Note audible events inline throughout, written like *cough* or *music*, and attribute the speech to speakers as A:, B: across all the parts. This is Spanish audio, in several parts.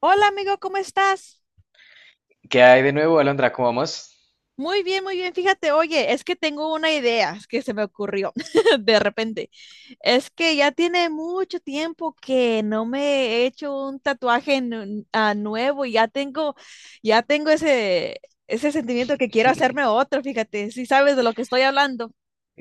A: Hola amigo, ¿cómo estás?
B: ¿Qué hay de nuevo, Alondra? ¿Cómo vamos?
A: Muy bien, muy bien. Fíjate, oye, es que tengo una idea que se me ocurrió *laughs* de repente. Es que ya tiene mucho tiempo que no me he hecho un tatuaje nuevo y ya tengo ese sentimiento que quiero hacerme
B: *laughs*
A: otro, fíjate, si sabes de lo que estoy hablando.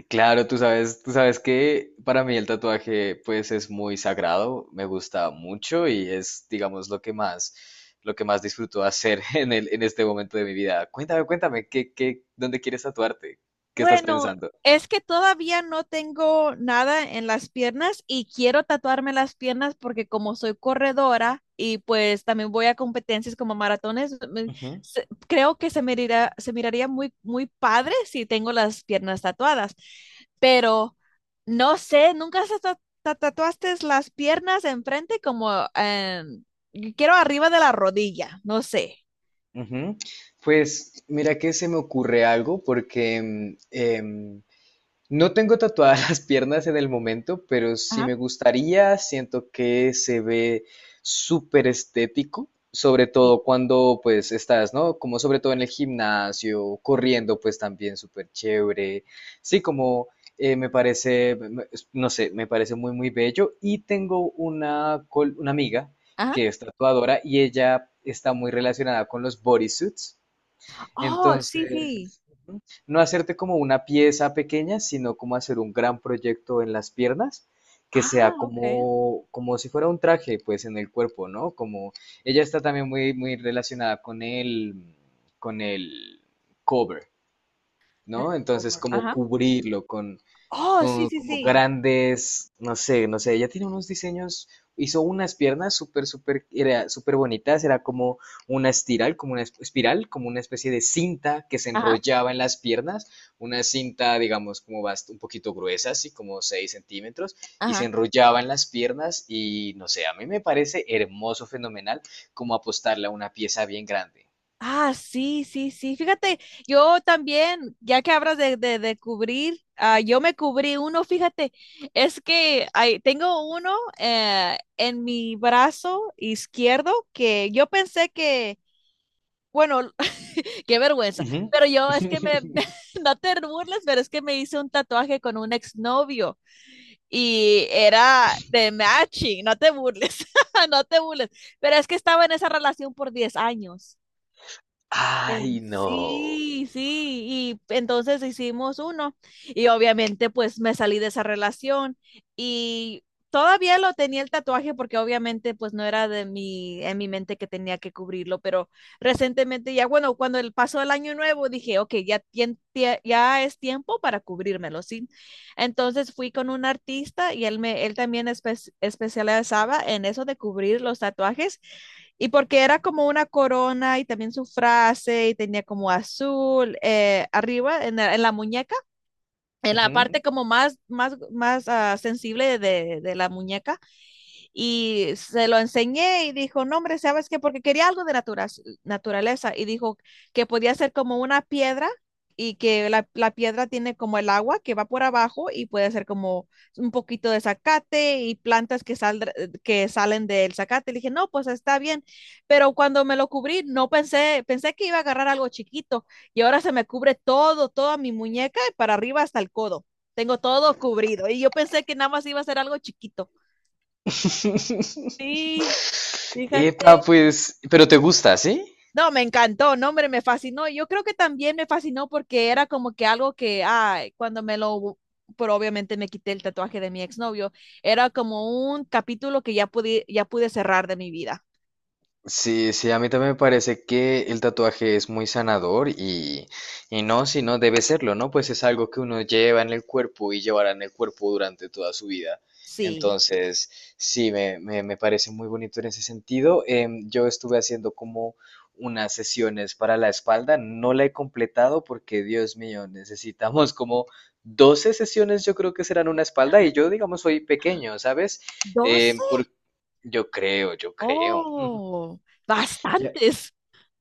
B: Claro, tú sabes que para mí el tatuaje pues es muy sagrado, me gusta mucho y es, digamos, lo que más disfruto hacer *laughs* en este momento de mi vida. Cuéntame, cuéntame, dónde quieres tatuarte? ¿Qué estás
A: Bueno,
B: pensando?
A: es que todavía no tengo nada en las piernas y quiero tatuarme las piernas porque como soy corredora y pues también voy a competencias como maratones,
B: Ujú,
A: creo que se miraría muy, muy padre si tengo las piernas tatuadas. Pero no sé, nunca se tatuaste las piernas enfrente como quiero arriba de la rodilla, no sé.
B: ujú. Pues mira que se me ocurre algo porque em, No tengo tatuadas *laughs* las piernas en el momento, pero si
A: Ajá.
B: me gustaría. Siento que se ve súper estético, sobre
A: Sí.
B: todo cuando pues estás, ¿no? Como sobre todo en el gimnasio, corriendo pues también súper chévere. Sí, como me parece, no sé, me parece muy muy bello. Y tengo una amiga
A: Ajá.
B: que es tatuadora y ella está muy relacionada con los bodysuits.
A: Oh, sí, sí.
B: Entonces, ujú, no hacerte como una pieza pequeña, sino como hacer un gran proyecto en las piernas, que sea
A: Ah, ok.
B: como si fuera un traje, pues en el cuerpo, ¿no? Como ella está también muy, muy relacionada con el cover,
A: En
B: ¿no? Entonces,
A: Over.
B: como
A: Ajá,
B: cubrirlo con,
A: oh, sí,
B: como,
A: sí,
B: como
A: sí.
B: grandes, no sé, no sé, ella tiene unos diseños, hizo unas piernas súper, súper, era súper bonitas, era como una espiral, como una espiral, como una especie de cinta que se
A: Ajá,
B: enrollaba en las piernas, una cinta, digamos, como un poquito gruesa, así como 6 centímetros, y se
A: ajá.
B: enrollaba en las piernas y, no sé, a mí me parece hermoso, fenomenal, como apostarle a una pieza bien grande.
A: Ah, sí, sí, sí. Fíjate, yo también, ya que hablas de cubrir, yo me cubrí uno, fíjate, es que tengo uno en mi brazo izquierdo que yo pensé que, bueno, *laughs* qué vergüenza.
B: Ujú.
A: Pero yo es que
B: *laughs*
A: *laughs* no te burles, pero es que me hice un tatuaje con un exnovio y era de matching, no te burles, *laughs* no te burles. Pero es que estaba en esa relación por 10 años. Eran-
B: Ay, no.
A: Sí, sí, y entonces hicimos uno y obviamente pues me salí de esa relación y todavía lo tenía el tatuaje porque obviamente pues no era de mi, en mi mente que tenía que cubrirlo, pero recientemente ya bueno, cuando el pasó el año nuevo dije, ok, ya, ya es tiempo para cubrírmelo, ¿sí? Entonces fui con un artista y él también especializaba en eso de cubrir los tatuajes y porque era como una corona y también su frase y tenía como azul arriba en la muñeca en la
B: Ujú.
A: parte como más, más, más sensible de la muñeca. Y se lo enseñé y dijo, no, hombre, ¿sabes qué? Porque quería algo de naturaleza. Y dijo que podía ser como una piedra y que la piedra tiene como el agua que va por abajo y puede ser como un poquito de zacate y plantas que salen del zacate. Le dije, no, pues está bien. Pero cuando me lo cubrí, no pensé, pensé que iba a agarrar algo chiquito y ahora se me cubre todo, toda mi muñeca, y para arriba hasta el codo. Tengo todo cubrido. Y yo pensé que nada más iba a ser algo chiquito. Sí,
B: *laughs* Epa,
A: fíjate.
B: pues, pero te gusta, ¿sí?
A: No, me encantó, no, hombre, me fascinó. Yo creo que también me fascinó porque era como que algo que, ay, cuando me lo, pero obviamente me quité el tatuaje de mi exnovio, era como un capítulo que ya pude cerrar de mi vida.
B: Sí, sí, a mí también me parece que el tatuaje es muy sanador y no, si no debe serlo, ¿no? Pues es algo que uno lleva en el cuerpo y llevará en el cuerpo durante toda su vida.
A: Sí.
B: Entonces, sí, me parece muy bonito en ese sentido. Yo estuve haciendo como unas sesiones para la espalda, no la he completado porque, Dios mío, necesitamos como 12 sesiones, yo creo que serán una espalda y yo, digamos, soy pequeño, ¿sabes? Em,
A: ¿12?
B: por, yo creo, yo creo.
A: Oh,
B: Ya.
A: bastantes.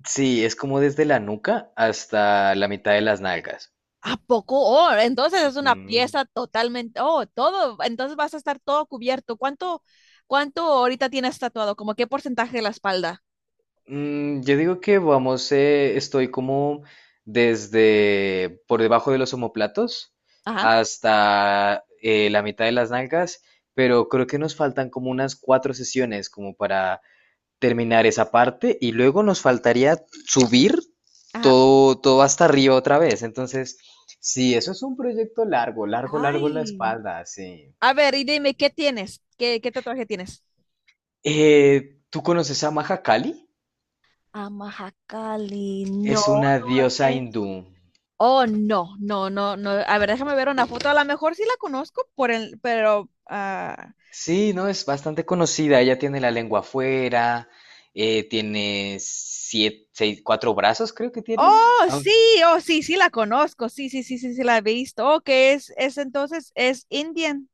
B: Sí, es como desde la nuca hasta la mitad de las nalgas.
A: ¿A poco? Oh, entonces es una
B: Ujú.
A: pieza totalmente, oh, todo, entonces vas a estar todo cubierto. ¿Cuánto ahorita tienes tatuado? ¿Como qué porcentaje de la espalda?
B: Yo digo que vamos, estoy como desde por debajo de los omóplatos
A: Ajá,
B: hasta la mitad de las nalgas, pero creo que nos faltan como unas cuatro sesiones como para terminar esa parte y luego nos faltaría subir
A: ajá.
B: todo, todo hasta arriba otra vez. Entonces, sí, eso es un proyecto largo, largo, largo la
A: Ay,
B: espalda, sí.
A: a ver, y dime, ¿qué tienes? ¿Qué tatuaje tienes?
B: ¿Tú conoces a Mahakali?
A: A Amahakali, no,
B: Es una
A: no,
B: diosa
A: ¿qué es?
B: hindú.
A: Oh, no, no, no, no. A ver, déjame ver una foto. A lo mejor sí la conozco por el, pero, ah,
B: Sí, no, es bastante conocida. Ella tiene la lengua afuera, tiene siete, seis, cuatro brazos, creo que tiene.
A: oh,
B: Ah,
A: sí, oh, sí, sí la conozco. Sí, sí, sí, sí, sí la he visto. Oh, que es entonces, es Indian.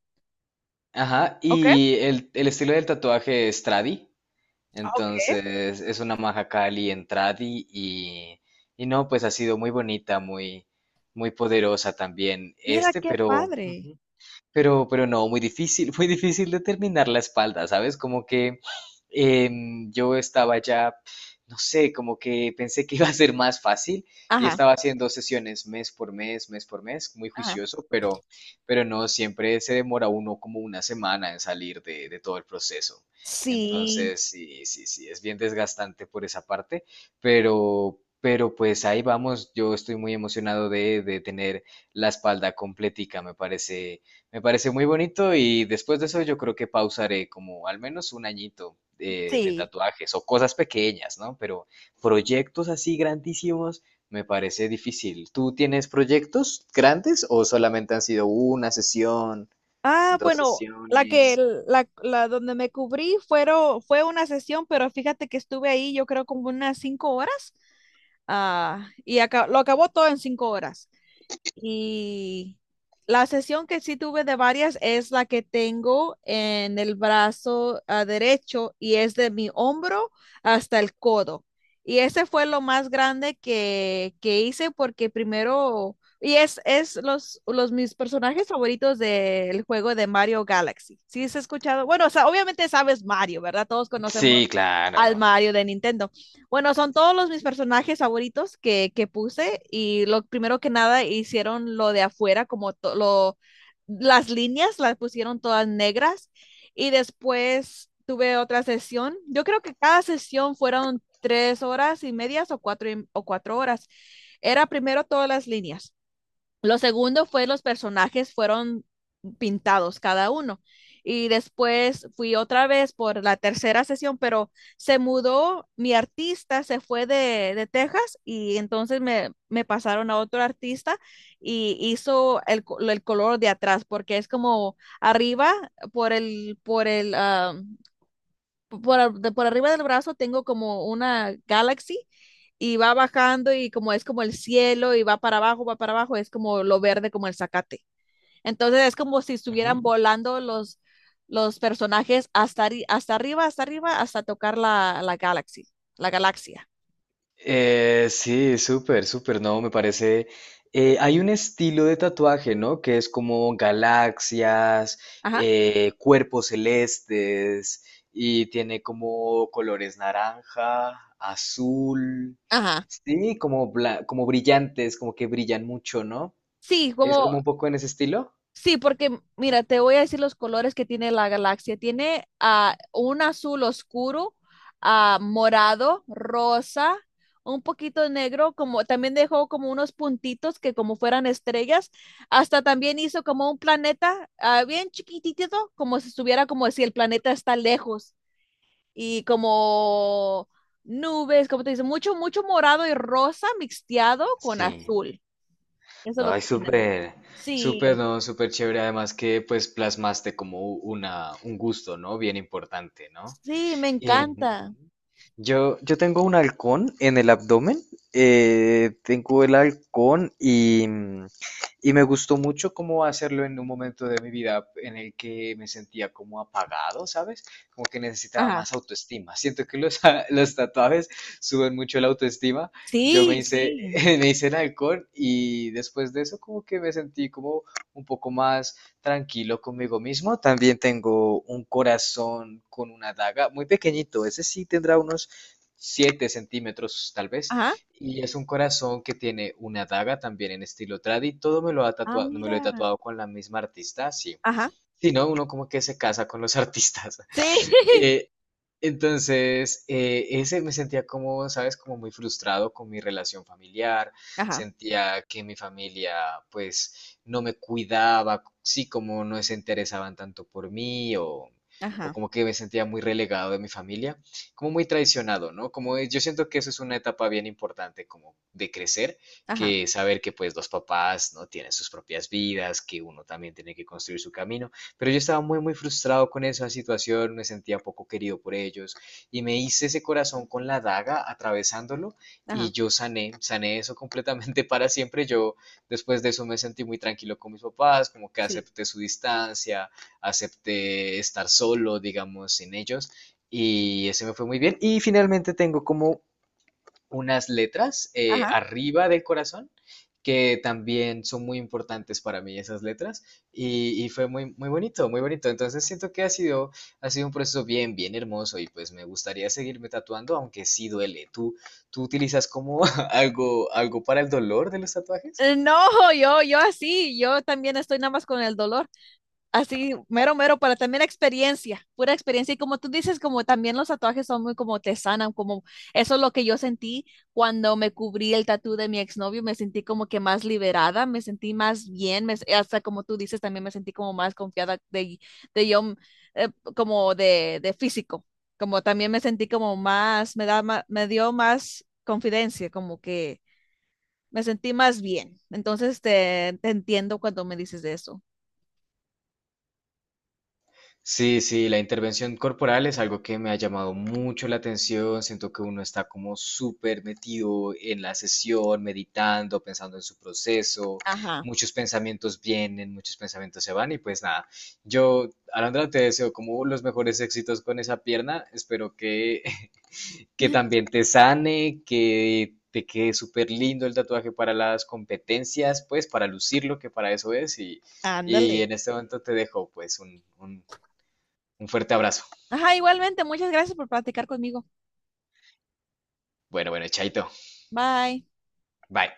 B: ajá,
A: Ok,
B: y el estilo del tatuaje es tradi.
A: ok.
B: Entonces, es una Mahakali en tradi y no, pues ha sido muy bonita, muy, muy poderosa también,
A: Mira
B: este,
A: qué
B: pero.
A: padre.
B: Pero no, muy difícil, *laughs* muy difícil determinar la espalda, ¿sabes? Como que yo estaba ya, no sé, como que pensé que iba a ser más fácil y
A: Ajá,
B: estaba haciendo sesiones mes por mes, muy
A: ajá.
B: juicioso, pero, no, siempre se demora uno como una semana en salir de todo el proceso.
A: Sí,
B: Entonces, sí, sí, sí, es bien desgastante por esa parte, pero pues ahí vamos, yo estoy muy emocionado de tener la espalda completica, me parece muy bonito y después de eso yo creo que pausaré como al menos un añito de
A: sí.
B: tatuajes o cosas pequeñas, ¿no? Pero proyectos así grandísimos me parece difícil. ¿Tú tienes proyectos grandes o solamente han sido una sesión,
A: Ah,
B: dos
A: bueno, la que,
B: sesiones?
A: la, la donde me cubrí fue una sesión, pero fíjate que estuve ahí yo creo como unas 5 horas. Ah, y lo acabó todo en 5 horas. Y la sesión que sí tuve de varias es la que tengo en el brazo derecho y es de mi hombro hasta el codo. Y ese fue lo más grande que hice porque primero, y es los mis personajes favoritos del juego de Mario Galaxy. ¿Sí has escuchado? Bueno, o sea, obviamente sabes Mario, ¿verdad? Todos conocemos
B: Sí, claro.
A: al Mario de Nintendo. Bueno, son todos los mis personajes favoritos que puse y lo primero que nada hicieron lo de afuera, como lo, las líneas las pusieron todas negras y después tuve otra sesión. Yo creo que cada sesión fueron 3 horas y medias o cuatro, o 4 horas. Era primero todas las líneas. Lo segundo fue los personajes fueron pintados cada uno. Y después fui otra vez por la tercera sesión, pero se mudó, mi artista se fue de Texas y entonces me pasaron a otro artista y hizo el color de atrás, porque es como arriba por el, ah, por, ar- de- por arriba del brazo tengo como una Galaxy y va bajando y como es como el cielo y va para abajo, es como lo verde, como el zacate. Entonces es como si estuvieran volando los personajes hasta arriba, hasta arriba, hasta tocar la Galaxy, la galaxia.
B: Sí, súper, súper, no, me parece. Hay un estilo de tatuaje, ¿no? Que es como galaxias,
A: Ajá,
B: cuerpos celestes, y tiene como colores naranja, azul,
A: ajá.
B: sí, como brillantes, como que brillan mucho, ¿no?
A: Sí,
B: Es
A: como,
B: como un poco en ese estilo.
A: sí, porque mira, te voy a decir los colores que tiene la galaxia. Tiene un azul oscuro, morado, rosa, un poquito negro, como también dejó como unos puntitos que como fueran estrellas. Hasta también hizo como un planeta bien chiquitito, como si estuviera como si el planeta está lejos y como nubes, como te dice, mucho, mucho morado y rosa mixteado con
B: Sí,
A: azul. Eso es lo
B: ay,
A: que tiene.
B: súper, súper,
A: Sí.
B: no, súper chévere. Además que pues plasmaste como un gusto, ¿no? Bien importante, ¿no?
A: Sí, me
B: Eh,
A: encanta.
B: yo tengo un halcón en el abdomen, tengo el halcón y me gustó mucho cómo hacerlo en un momento de mi vida en el que me sentía como apagado, ¿sabes? Como que necesitaba
A: Ajá,
B: más autoestima. Siento que *laughs* los tatuajes suben mucho la autoestima. Yo me
A: sí,
B: hice,
A: sí.
B: *laughs* me hice el halcón y después de eso como que me sentí como un poco más tranquilo conmigo mismo. También tengo un corazón con una daga, muy pequeñito, ese sí tendrá unos 7 centímetros tal vez.
A: Ajá,
B: Y es un corazón que tiene una daga también en estilo tradi. Todo me lo ha
A: ah,
B: tatuado, me lo he
A: mira.
B: tatuado con la misma artista, sí.
A: Ajá,
B: Si no, uno como que se casa con los *laughs* artistas.
A: sí, *laughs*
B: Eh, entonces, ese me sentía como, ¿sabes? Como muy frustrado con mi relación familiar,
A: ajá,
B: sentía que mi familia pues no me cuidaba, sí, como no se interesaban tanto por mí o,
A: ajá,
B: como que me sentía muy relegado de mi familia, como muy traicionado, ¿no? Como yo siento que eso es una etapa bien importante como de crecer,
A: ajá,
B: que saber que pues los papás no tienen sus propias vidas, que uno también tiene que construir su camino pero yo estaba muy, muy frustrado con esa situación, me sentía poco querido por ellos y me hice ese corazón con la daga atravesándolo y
A: ajá,
B: yo sané, sané eso completamente *laughs* para siempre. Yo después de eso me sentí muy tranquilo con mis papás, como que
A: sí.
B: acepté su distancia, acepté estar solo, digamos, sin ellos y ese me fue muy bien. Y finalmente tengo como unas letras
A: Ajá.
B: arriba del corazón que también son muy importantes para mí esas letras y fue muy, muy bonito, muy bonito. Entonces siento que ha sido un proceso bien, bien hermoso y pues me gustaría seguirme tatuando, aunque sí duele. ¿Tú utilizas como *laughs* algo para el dolor de los tatuajes?
A: No, yo así, yo también estoy nada más con el dolor. Así, mero, mero, para también experiencia, pura experiencia. Y como tú dices, como también los tatuajes son muy como te sanan, como eso es lo que yo sentí cuando me cubrí el tatú de mi exnovio, me sentí como que más liberada, me sentí más bien, hasta como tú dices, también me sentí como más confiada de yo, eh, como de físico, como también me sentí como más, me dio más confidencia, como que me sentí más bien. Entonces te entiendo cuando me dices de eso.
B: Sí, sí, la intervención corporal es algo que me ha llamado mucho la atención. Siento que uno está como súper metido en la sesión, meditando, pensando en su proceso.
A: Ajá.
B: Muchos pensamientos vienen, muchos pensamientos se van y pues nada. Yo, Alondra, te deseo como los mejores éxitos con esa pierna. Espero que, *laughs* que también te sane, que te quede súper lindo el tatuaje para las competencias, pues para lucirlo, que para eso es. Y
A: Ándale.
B: en este momento te dejo pues un fuerte abrazo.
A: Ajá, igualmente, muchas gracias por platicar conmigo.
B: Bueno, bueno, chaito.
A: Bye.
B: Bye.